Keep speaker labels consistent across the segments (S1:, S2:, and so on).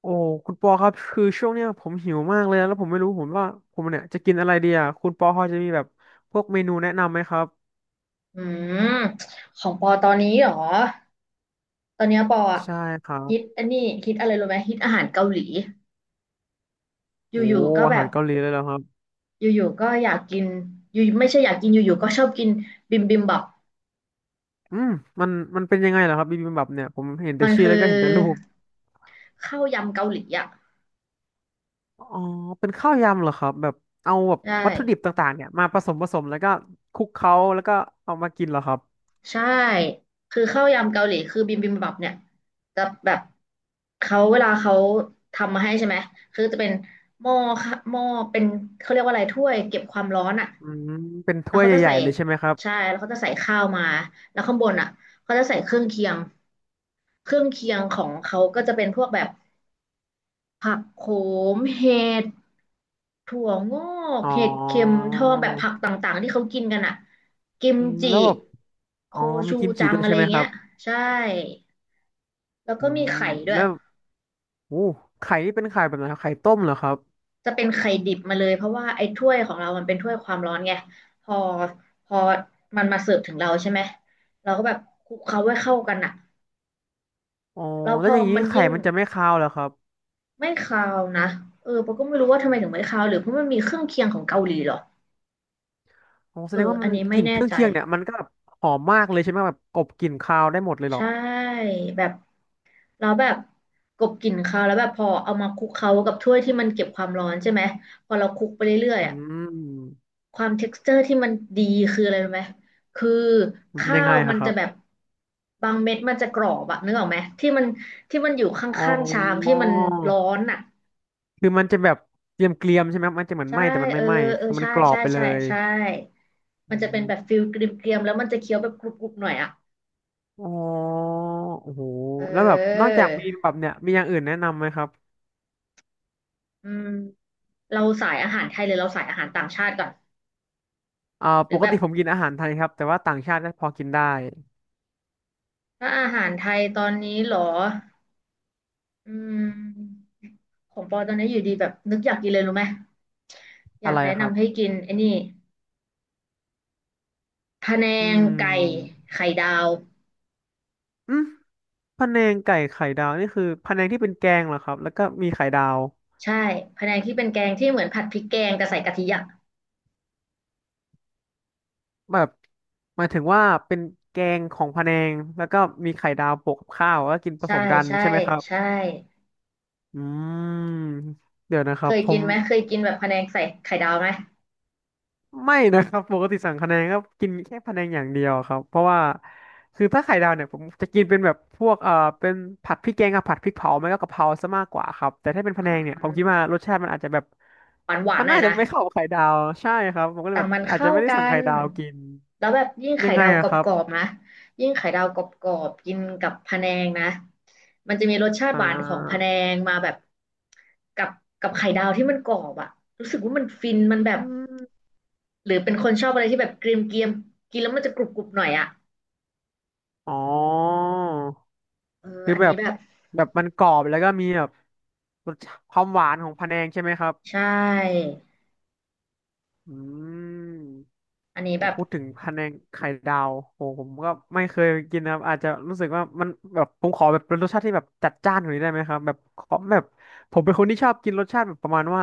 S1: โอ้คุณปอครับคือช่วงเนี้ยผมหิวมากเลยนะแล้วผมไม่รู้ผมว่าผมเนี่ยจะกินอะไรดีอ่ะคุณปอพอจะมีแบบพวกเมนูแนะนำไหมครับ
S2: อืมของปอตอนนี้เหรอ ตอนเนี้ยปออะ
S1: ใช่ครับ
S2: คิดอันนี้คิดอะไรรู้ไหมคิดอาหารเกาหลีอ
S1: โอ้
S2: ยู่ๆก็
S1: อา
S2: แบ
S1: หา
S2: บ
S1: รเกาหลีเลยเหรอครับ
S2: อยู่ๆก็อยากกินอยู่ไม่ใช่อยากกินอยู่ๆก็ชอบกินบิมบิมบับ
S1: อืมมันมันเป็นยังไงเหรอครับบิบิมบับเนี่ยผมเห็นแต่
S2: มัน
S1: ชื่อ
S2: คือ
S1: แล้วก็เห็นแต่รูป
S2: ข้าวยำเกาหลีอ่ะ
S1: อ๋อเป็นข้าวยำเหรอครับแบบเอาแบบ
S2: ใช่
S1: วัตถุดิบต่างๆเนี่ยมาผสมผสมแล้วก็คลุกเคล้าแล้วก็เอามากินเหรอครับ
S2: ใช่คือข้าวยำเกาหลีคือบิมบิมบับเนี่ยจะแบบเขาเวลาเขาทำมาให้ใช่ไหมคือจะเป็นหม้อค่ะหม้อเป็นเขาเรียกว่าอะไรถ้วยเก็บความร้อนอ่ะ
S1: อืมเป็น
S2: แล้
S1: ถ้
S2: ว
S1: วย
S2: เขาจะ
S1: ใหญ่
S2: ใส่
S1: ๆเลยใช่ไหมครับ
S2: ใช่แล้วเขาจะใส่ข้าวมาแล้วข้างบนอ่ะเขาจะใส่เครื่องเคียง เครื่องเคียงของเขาก็จะเป็นพวกแบบ ผักโขมเห็ดถั่วงอก
S1: อ๋อ
S2: เห็ดเข็มทองแบบผักต่างๆที่เขากินกันอ่ะกิม
S1: อืม
S2: จิ
S1: แล้วแบบอ๋
S2: โค
S1: อมี
S2: ชู
S1: กิมจิ
S2: จัง
S1: ด้วย
S2: อะ
S1: ใช่
S2: ไร
S1: ไหมค
S2: เงี้
S1: รับ
S2: ยใช่แล้ว
S1: อื
S2: ก็มี
S1: ม
S2: ไข่ด้ว
S1: แล้
S2: ย
S1: ว โอ้ไข่นี่เป็นไข่แบบไหนครับไข่ต้มเหรอครับ
S2: จะเป็นไข่ดิบมาเลยเพราะว่าไอ้ถ้วยของเรามันเป็นถ้วยความร้อนไงพอพอมันมาเสิร์ฟถึงเราใช่ไหมเราก็แบบคลุกเคล้าให้เข้ากันอ่ะ
S1: อ๋อ
S2: แล้วพ
S1: แล้ว
S2: อ
S1: อย่างนี้
S2: มัน
S1: ไข่
S2: ยิ่ง
S1: มันจะไม่คาวเหรอครับ
S2: ไม่คาวนะเออปาก็ไม่รู้ว่าทำไมถึงไม่คาวหรือเพราะมันมีเครื่องเคียงของเกาหลีเหรอ
S1: อ๋อแส
S2: เอ
S1: ดง
S2: อ
S1: ว่า
S2: อั
S1: มั
S2: น
S1: น
S2: นี้
S1: ก
S2: ไม่
S1: ลิ่นเค
S2: แน่
S1: รื่อง
S2: ใจ
S1: เคียงเนี่ยมันก็แบบหอมมากเลยใช่ไหมแบบกลบกลิ่นคาวได้หมดเลยเหรอ
S2: ใช่แบบเราแบบกลบกลิ่นคาวแล้วแบบพอเอามาคลุกเคล้ากับถ้วยที่มันเก็บความร้อนใช่ไหมพอเราคลุกไปเรื่อย
S1: อื
S2: ๆอ่ะ
S1: ม
S2: ความเท็กซ์เจอร์ที่มันดีคืออะไรรู้ไหมคือ
S1: มันเป็น
S2: ข้า
S1: ยังไง
S2: วมั
S1: อะ
S2: น
S1: ครั
S2: จะ
S1: บ
S2: แบบบางเม็ดมันจะกรอบอะนึกออกไหมที่มันอยู่ข
S1: อ๋
S2: ้างๆชามที่
S1: อ
S2: มันร้อนอ่ะ
S1: คือมันจะแบบเกรียมๆใช่ไหมมันจะเหมือน
S2: ใช่
S1: ไหม้แต่มัน
S2: เอ
S1: ไม่
S2: อ
S1: ไหม้
S2: เออ
S1: คือมัน
S2: ใช่
S1: กรอบ
S2: ใช่
S1: ไปเล
S2: ใช่
S1: ย
S2: ใช่มั
S1: อื
S2: นจะเป็น
S1: ม
S2: แบบฟิลเกรียมๆแล้วมันจะเคี้ยวแบบกรุบๆหน่อยอ่ะ
S1: อ๋อโอ้โห
S2: เอ
S1: แล้วแบบนอกจากมีแบ
S2: อ
S1: บเนี่ยมีอย่างอื่นแนะนำไหมครับ
S2: อืมเราสายอาหารไทยหรือเราสายอาหารต่างชาติก่อน
S1: อ่า
S2: ห
S1: ป
S2: รือ
S1: ก
S2: แบ
S1: ติ
S2: บ
S1: ผมกินอาหารไทยครับแต่ว่าต่างชาติก็พอกินได้
S2: ถ้าอาหารไทยตอนนี้เหรออืมของปอตอนนี้อยู่ดีแบบนึกอยากกินเลยรู้ไหมอยา
S1: อะ
S2: ก
S1: ไร
S2: แนะ
S1: ครับ
S2: นำให้กินไอ้นี่พะแน
S1: อื
S2: งไก่
S1: ม
S2: ไข่ดาว
S1: อืมพะแนงไก่ไข่ดาวนี่คือพะแนงที่เป็นแกงเหรอครับแล้วก็มีไข่ดาว
S2: ใช่พะแนงที่เป็นแกงที่เหมือนผัดพริกแกงแต่ใส่กะทิอ่ะ
S1: แบบหมายถึงว่าเป็นแกงของพะแนงแล้วก็มีไข่ดาวโปะกับข้าวแล้วกินผ
S2: ใช่
S1: สมกัน
S2: ใช่
S1: ใช่ไหมครับ
S2: ใช่
S1: อืมเดี๋ยวนะครั
S2: เค
S1: บ
S2: ย
S1: ผ
S2: กิน
S1: ม
S2: ไหมเคยกินแบบพะแนงใส่ไข่ดาวไหม
S1: ไม่นะครับปกติสั่งคะแนนก็กินแค่คะแนงอย่างเดียวครับเพราะว่าคือถ้าไข่ดาวเนี่ยผมจะกินเป็นแบบพวกเป็นผัดพริกแกงกับผัดพริกเผาไม่ก็กะเพราซะมากกว่าครับแต่ถ้าเป็นพะ
S2: อื
S1: แนงเนี่ยผมคิดว่า
S2: ม
S1: รสชาติมันอาจจะแบบ
S2: หวานหวาน
S1: มั
S2: ๆ
S1: น
S2: หน่อย
S1: น่าจะ
S2: นะ
S1: ไม่เข้ากับไข่ดาวใช่ครับผมก็เล
S2: แต่
S1: ยแบบ
S2: มัน
S1: อาจ
S2: เข้า
S1: จะไม่ได้
S2: กั
S1: สั่งไข่
S2: น
S1: ดาวกิน
S2: แล้วแบบยิ่ง
S1: ยั
S2: ไข่
S1: งไง
S2: ดาวก
S1: อะ
S2: ร
S1: ครับ
S2: อบๆนะยิ่งไข่ดาวกรอบๆกินกับพะแนงนะ มันจะมีรสชาติ
S1: อ่
S2: หวานของพะแน
S1: า
S2: งมาแบบกับกับไข่ดาวที่มันกรอบอะรู้สึกว่ามันฟินมันแบบ
S1: อืม
S2: หรือเป็นคนชอบอะไรที่แบบเกรียมเกียมกินแล้วมันจะกรุบกรุบหน่อยอะ
S1: อ๋อ
S2: เออ
S1: คือ
S2: อัน
S1: แบ
S2: นี้
S1: บ
S2: แบบ
S1: แบบมันกรอบแล้วก็มีแบบรสชาติความหวานของพะแนงใช่ไหมครับ
S2: ใช่
S1: อืม
S2: อันนี้
S1: โห
S2: แบบ
S1: พูดถึงพะแนงไข่ดาวโหผมก็ไม่เคยกินนะครับอาจจะรู้สึกว่ามันแบบผมขอแบบเป็นรสชาติที่แบบจัดจ้านกว่านี้ได้ไหมครับแบบขอแบบผมเป็นคนที่ชอบกินรสชาติแบบประมาณว่า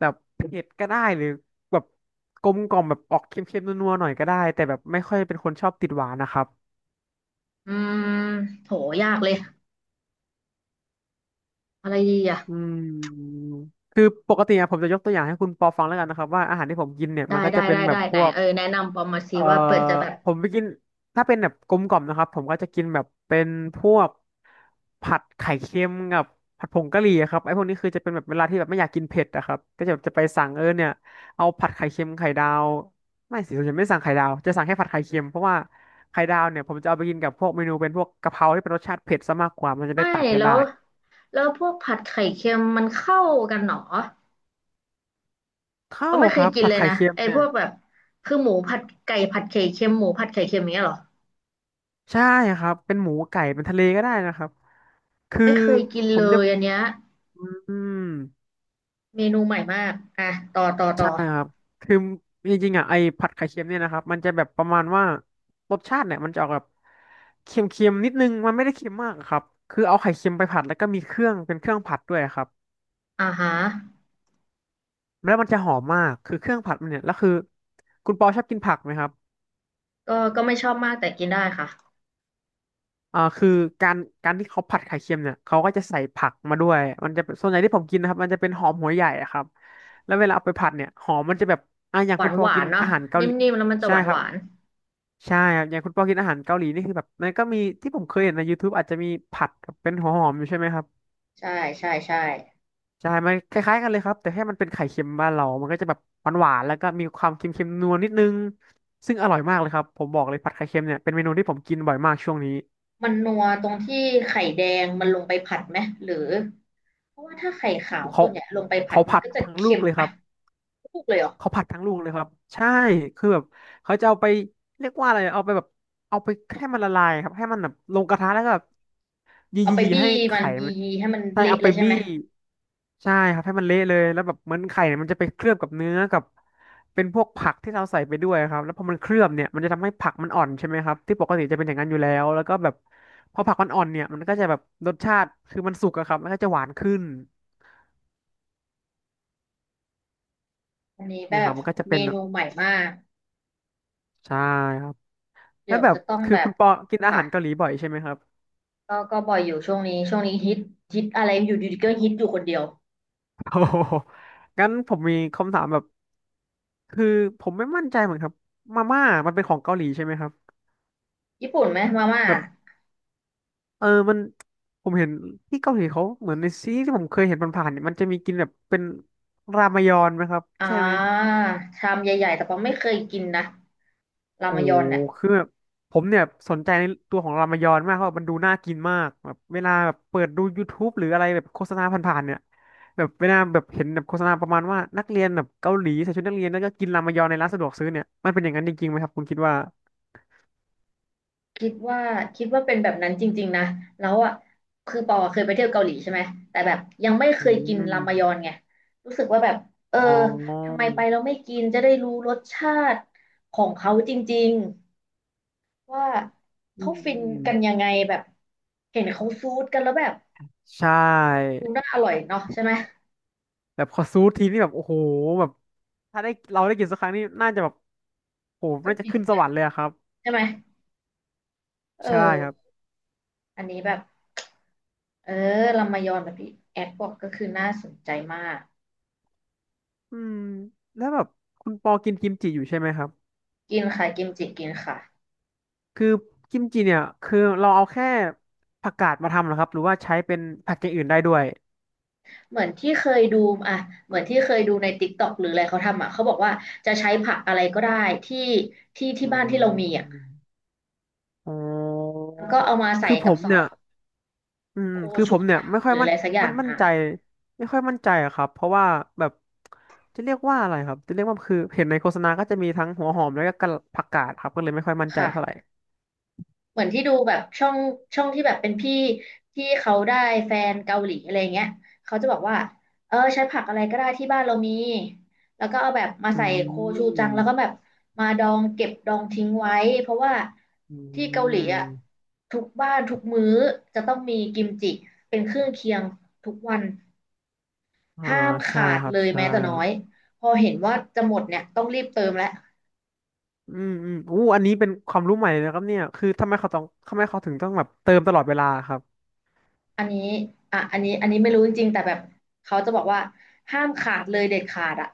S1: แบบเผ็ดก็ได้หรือแบบกลมกล่อมแบบออกเค็มๆนัวๆหน่อยก็ได้แต่แบบไม่ค่อยเป็นคนชอบติดหวานนะครับ
S2: อืมโหยากเลยอะไรดีอะ
S1: อืมคือปกติอะผมจะยกตัวอย่างให้คุณปอฟังแล้วกันนะครับว่าอาหารที่ผมกินเนี่ย
S2: ได้
S1: มันก็
S2: ได้
S1: จะเป็น
S2: ได้
S1: แบ
S2: ได้
S1: บพ
S2: ไหน
S1: วก
S2: เออแนะนำปอมมาซิ
S1: เอ่อ
S2: ว่าเปิดจะแบบ
S1: ผมไปกินถ้าเป็นแบบกลมกล่อมนะครับผมก็จะกินแบบเป็นพวกผัดไข่เค็มกับผัดผงกะหรี่อะครับไอ้พวกนี้คือจะเป็นแบบเวลาที่แบบไม่อยากกินเผ็ดอะครับก็จะแบบจะไปสั่งเออเนี่ยเอาผัดไข่เค็มไข่ดาวไม่สิผมจะไม่สั่งไข่ดาวจะสั่งแค่ผัดไข่เค็มเพราะว่าไข่ดาวเนี่ยผมจะเอาไปกินกับพวกเมนูเป็นพวกกะเพราที่เป็นรสชาติเผ็ดซะมากกว่ามันจะได้
S2: ไม่
S1: ตัดกัน
S2: แล้
S1: ได้
S2: วพวกผัดไข่เค็มมันเข้ากันหรอ
S1: เข้า
S2: ว่าไม่
S1: ค
S2: เค
S1: รั
S2: ย
S1: บ
S2: กิน
S1: ผัด
S2: เลย
S1: ไข่
S2: นะ
S1: เค็ม
S2: ไอ้
S1: เนี่
S2: พ
S1: ย
S2: วกแบบคือหมูผัดไก่ผัดไข่เค็มหมูผัดไข่เค็มอย่างเนี้ยหรอ
S1: ใช่ครับเป็นหมูไก่เป็นทะเลก็ได้นะครับคือ
S2: ไม่เคยกิน
S1: ผ
S2: เล
S1: มจะ
S2: ยอันเนี้ย
S1: อืม
S2: เมนูใหม่มากอ่ะต่อต่อ
S1: ใช่
S2: ต่อ
S1: ครับคือจริงๆอ่ะไอ้ผัดไข่เค็มเนี่ยนะครับมันจะแบบประมาณว่ารสชาติเนี่ยมันจะออกแบบเค็มๆนิดนึงมันไม่ได้เค็มมากอะครับคือเอาไข่เค็มไปผัดแล้วก็มีเครื่องเป็นเครื่องผัดด้วยครับ
S2: อ่าฮะ
S1: แล้วมันจะหอมมากคือเครื่องผัดมันเนี่ยแล้วคือคุณปอชอบกินผักไหมครับ
S2: ก็ก็ไม่ชอบมากแต่กินได้ค่ะ
S1: อ่าคือการการที่เขาผัดไข่เค็มเนี่ยเขาก็จะใส่ผักมาด้วยมันจะเป็นส่วนใหญ่ที่ผมกินนะครับมันจะเป็นหอมหัวใหญ่อะครับแล้วเวลาเอาไปผัดเนี่ยหอมมันจะแบบอ่าอย่า
S2: ห
S1: ง
S2: วา
S1: คุณ
S2: น
S1: ป
S2: ห
S1: อ
S2: วา
S1: กิน
S2: นเนาะ
S1: อาหารเกา
S2: นิ
S1: หลี
S2: ่มๆแล้วมันจะ
S1: ใช่
S2: หวาน
S1: ค
S2: ห
S1: รับ
S2: วาน
S1: ใช่ครับอย่างคุณปอกินอาหารเกาหลีนี่คือแบบมันก็มีที่ผมเคยเห็นใน YouTube อาจจะมีผัดกับเป็นหัวหอมอยู่ใช่ไหมครับ
S2: ใช่ใช่ใช่
S1: ใช่มันคล้ายๆกันเลยครับแต่แค่มันเป็นไข่เค็มบ้านเรามันก็จะแบบหวานๆแล้วก็มีความเค็มๆนัวนิดนึงซึ่งอร่อยมากเลยครับผมบอกเลยผัดไข่เค็มเนี่ยเป็นเมนูที่ผมกินบ่อยมากช่วงนี้
S2: มันนัวตรงที่ไข่แดงมันลงไปผัดไหมหรือเพราะว่าถ้าไข่ขาวส่
S1: เขา
S2: วนใหญ่ลงไปผัด
S1: เขา
S2: มัน
S1: ผัด
S2: ก็จะ
S1: ทั้งลู
S2: เค็
S1: ก
S2: ม
S1: เลย
S2: ไป
S1: ครับ
S2: ทุกเลยเหรอ
S1: เขาผัดทั้งลูกเลยครับใช่คือแบบเขาจะเอาไปเรียกว่าอะไรเอาไปแบบเอาไปให้มันละลายครับให้มันแบบลงกระทะแล้วก็แบบยี
S2: เอา
S1: ยี
S2: ไป
S1: ยี
S2: บี้
S1: ให้
S2: มัน
S1: ไข่
S2: ยี
S1: มัน
S2: ให้มัน
S1: ใช่
S2: เละ
S1: เอา
S2: เล
S1: ไป
S2: ยใช่
S1: บี้
S2: ไหม
S1: ใช่ครับให้มันเละเลยแล้วแบบเหมือนไข่เนี่ยมันจะไปเคลือบกับเนื้อกับเป็นพวกผักที่เราใส่ไปด้วยครับแล้วพอมันเคลือบเนี่ยมันจะทำให้ผักมันอ่อนใช่ไหมครับที่ปกติจะเป็นอย่างนั้นอยู่แล้วแล้วก็แบบพอผักมันอ่อนเนี่ยมันก็จะแบบรสชาติคือมันสุกอะครับแล้วก็จะหวานขึ้น
S2: อันนี้แบ
S1: เนี่ยครั
S2: บ
S1: บมันก็จะ
S2: เม
S1: เป็น
S2: นูใหม่มาก
S1: ใช่ครับ แล้
S2: เดี๋
S1: ว
S2: ยว
S1: แบบ
S2: จะต้อง
S1: คือ
S2: แบ
S1: คุ
S2: บ
S1: ณปอกินอาหา
S2: ค่ะ
S1: รเกาหลีบ่อยใช่ไหมครับ
S2: ก็ก็บ่อยอยู่ช่วงนี้ช่วงนี้ฮิตฮิตอะไรอยู่ดีๆก็ฮิตอยู่คนเดียว
S1: โอ้โหงั้นผมมีคำถามแบบคือผมไม่มั่นใจเหมือนครับมาม่ามันเป็นของเกาหลีใช่ไหมครับ
S2: ญี่ปุ่นไหมมาม่า
S1: แบบมันผมเห็นที่เกาหลีเขาเหมือนในซีรีส์ที่ผมเคยเห็นผ่านๆเนี่ยมันจะมีกินแบบเป็นรามยอนไหมครับ
S2: อ่
S1: ใช่ไหม
S2: าชามใหญ่ๆแต่ปองไม่เคยกินนะรา
S1: โอ้
S2: มย
S1: โห
S2: อนเนี่ย
S1: คือแบบผมเนี่ยสนใจในตัวของรามายอนมากเพราะมันดูน่ากินมากแบบเวลาแบบเปิดดู YouTube หรืออะไรแบบโฆษณาผ่านๆเนี่ยแบบเวลาแบบเห็นแบบโฆษณาประมาณว่านักเรียนแบบเกาหลีใส่ชุดนักเรียนแล้วก็กินรามายอนในร้านสะดวกซื้อเนี่ยมันเป็นอย่างนั้นจริงๆไหมครับคุณคิดว่า
S2: คิดว่าคิดว่าเป็นแบบนั้นจริงๆนะแล้วอ่ะคือปอเคยไปเที่ยวเกาหลีใช่ไหมแต่แบบยังไม่เค
S1: อื
S2: ยกิน
S1: ม
S2: รามยอนไงรู้สึกว่าแบบเออ
S1: อ๋อ
S2: ทำไมไปเราไม่กินจะได้รู้รสชาติของเขาจริงๆว่า
S1: อื
S2: เขา
S1: ม
S2: ฟิ
S1: อื
S2: น
S1: ม
S2: กันยังไงแบบเห็นเขาซูดกันแล้วแบบ
S1: ใช่
S2: ดูน่าอร่อยเนาะใช่ไหม
S1: แบบขอซูทีนี่แบบโอ้โหแบบถ้าได้เราได้กินสักครั้งนี่น่าจะแบบโอ้โห
S2: ก็ต้อง
S1: น่าจะ
S2: กิน
S1: ขึ้นส
S2: นะ
S1: วรรค์เลยอะครับ
S2: ใช่ไหมเออ
S1: ใช่ครับ
S2: อันนี้แบบเออรามยอนแบบที่แอดบอกก็คือน่าสนใจมาก
S1: อืมแล้วแบบคุณปอกินกิมจิอยู่ใช่ไหมครับ
S2: กินค่ะกิมจิกินค่ะ
S1: คือกิมจิเนี่ยคือเราเอาแค่ผักกาดมาทำเหรอครับหรือว่าใช้เป็นผักอย่างอื่นได้ด้วย
S2: เหมือนที่เคยดูอ่ะเหมือนที่เคยดูใน TikTok หรืออะไรเขาทำอ่ะเขาบอกว่าจะใช้ผักอะไรก็ได้ที่ที่
S1: อื
S2: บ้านที่เรามีอ่ะ
S1: มอ๋อ
S2: แล้วก็เอามาใส่
S1: คือผ
S2: กับ
S1: ม
S2: ซอ
S1: เนี่ย
S2: สโค
S1: คือ
S2: ชู
S1: ผมเนี่ย
S2: จัง
S1: ไม่ค่
S2: ห
S1: อย
S2: รืออะไรสักอย่าง
S1: มั่น
S2: อ่ะ
S1: ใจไม่ค่อยมั่นใจอะครับเพราะว่าแบบจะเรียกว่าอะไรครับจะเรียกว่าคือเห็นในโฆษณาก็จะมีทั้งหัวหอมแล้วก็กะผักกาดครับก็เลยไม่ค่อยมั่นใจ
S2: ค่ะ
S1: เท่าไหร่
S2: เหมือนที่ดูแบบช่องที่แบบเป็นพี่ที่เขาได้แฟนเกาหลีอะไรเงี้ยเขาจะบอกว่าเออใช้ผักอะไรก็ได้ที่บ้านเรามีแล้วก็เอาแบบมา
S1: อื
S2: ใส่โคชูจัง
S1: ม
S2: แล้วก็แบบมาดองเก็บดองทิ้งไว้เพราะว่า
S1: อื
S2: ที่เกาหลีอ่ะ
S1: ม
S2: ทุกบ้านทุกมื้อจะต้องมีกิมจิเป็นเครื่องเคียงทุกวัน
S1: อ่า
S2: ห้าม
S1: ใช่
S2: ขาด
S1: ครั
S2: เล
S1: บ
S2: ย
S1: ใช่
S2: แม้แต่น้อยพอเห็นว่าจะหมดเนี่ยต้องรีบเติมแล้ว
S1: อืมอืมอู้อันนี้เป็นความรู้ใหม่เลยนะครับเนี่ยคือทำไมเขาถึงต้องแบบเติมตลอดเวลาครับ
S2: อันนี้อ่ะอันนี้ไม่รู้จริงๆแต่แบบเขาจะบอกว่าห้ามขาดเลยเด็ดขาดอ่ะ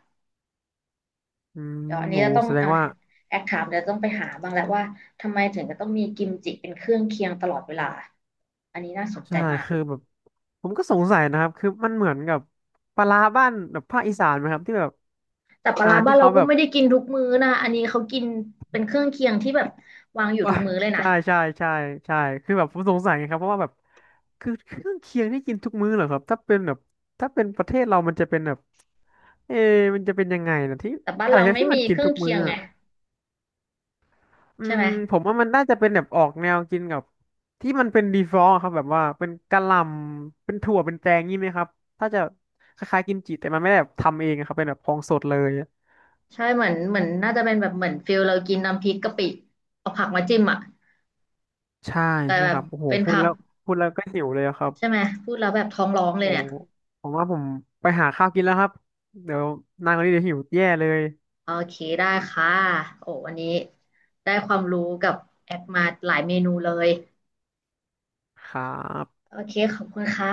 S1: อืม
S2: เดี๋ยวอันนี้
S1: โอ้
S2: จะต้อง
S1: แสดง
S2: อ่ะ
S1: ว่า
S2: แอคถามเดี๋ยวต้องไปหาบ้างแหละว่าทำไมถึงจะต้องมีกิมจิเป็นเครื่องเคียงตลอดเวลา อันนี้น่าสนใจ
S1: ใช่
S2: มาก
S1: คือแบบผมก็สงสัยนะครับคือมันเหมือนกับปลาร้าบ้านแบบภาคอีสานไหมครับที่แบบ
S2: แต่ปลา
S1: อ่า
S2: ร้าบ้า
S1: ที่
S2: นเรา
S1: เขา
S2: ก็
S1: แบบ
S2: ไม่ได้กินทุกมื้อนะอันนี้เขากินเป็นเครื่องเคียงที่แบบวางอยู่
S1: ว่า
S2: ทุกมื้อเลย นะ
S1: ใช่ใช่ใช่คือแบบผมสงสัยไงครับเพราะว่าแบบคือเครื่องเคียงที่กินทุกมื้อเหรอครับถ้าเป็นแบบถ้าเป็นประเทศเรามันจะเป็นแบบเอะมันจะเป็นยังไงนะที่
S2: แต่บ้าน
S1: อะไร
S2: เรา
S1: นะ
S2: ไม่
S1: ที่มั
S2: มี
S1: นกิ
S2: เค
S1: น
S2: รื่อ
S1: ทุ
S2: ง
S1: ก
S2: เคี
S1: มื้อ
S2: ยงไง
S1: อะ อื
S2: ใช่
S1: ม
S2: ไหม
S1: ผมว่ามันน่าจะเป็นแบบออกแนวกินกับที่มันเป็นดีฟอร์อะครับแบบว่าเป็นกะหล่ำเป็นถั่วเป็นแตงงี้ไหมครับถ้าจะคล้ายๆกิมจิแต่มันไม่ได้แบบทำเองอะครับเป็นแบบของสดเลย
S2: ใช่เหมือนน่าจะเป็นแบบเหมือนฟิลเรากินน้ำพริกกะปิเอาผักมาจิ้มอ่ะ
S1: ใช่
S2: แต่
S1: ใช่
S2: แบ
S1: ค
S2: บ
S1: รับโอ้โห
S2: เป็น
S1: พูด
S2: ผัก
S1: แล้วพูดแล้วก็หิวเลยอะครับ
S2: ใช่ไหมพูดแล้วแบบท้องร้องเลย
S1: โอ้
S2: เนี่ย
S1: ผมว่าไปหาข้าวกินแล้วครับเดี๋ยวนางคนนี้เดี๋ยวหิวแย่เลย
S2: โอเคได้ค่ะโอ้วันนี้ได้ความรู้กับแอปมาหลายเมนูเลย
S1: ครับ
S2: โอเคขอบคุณค่ะ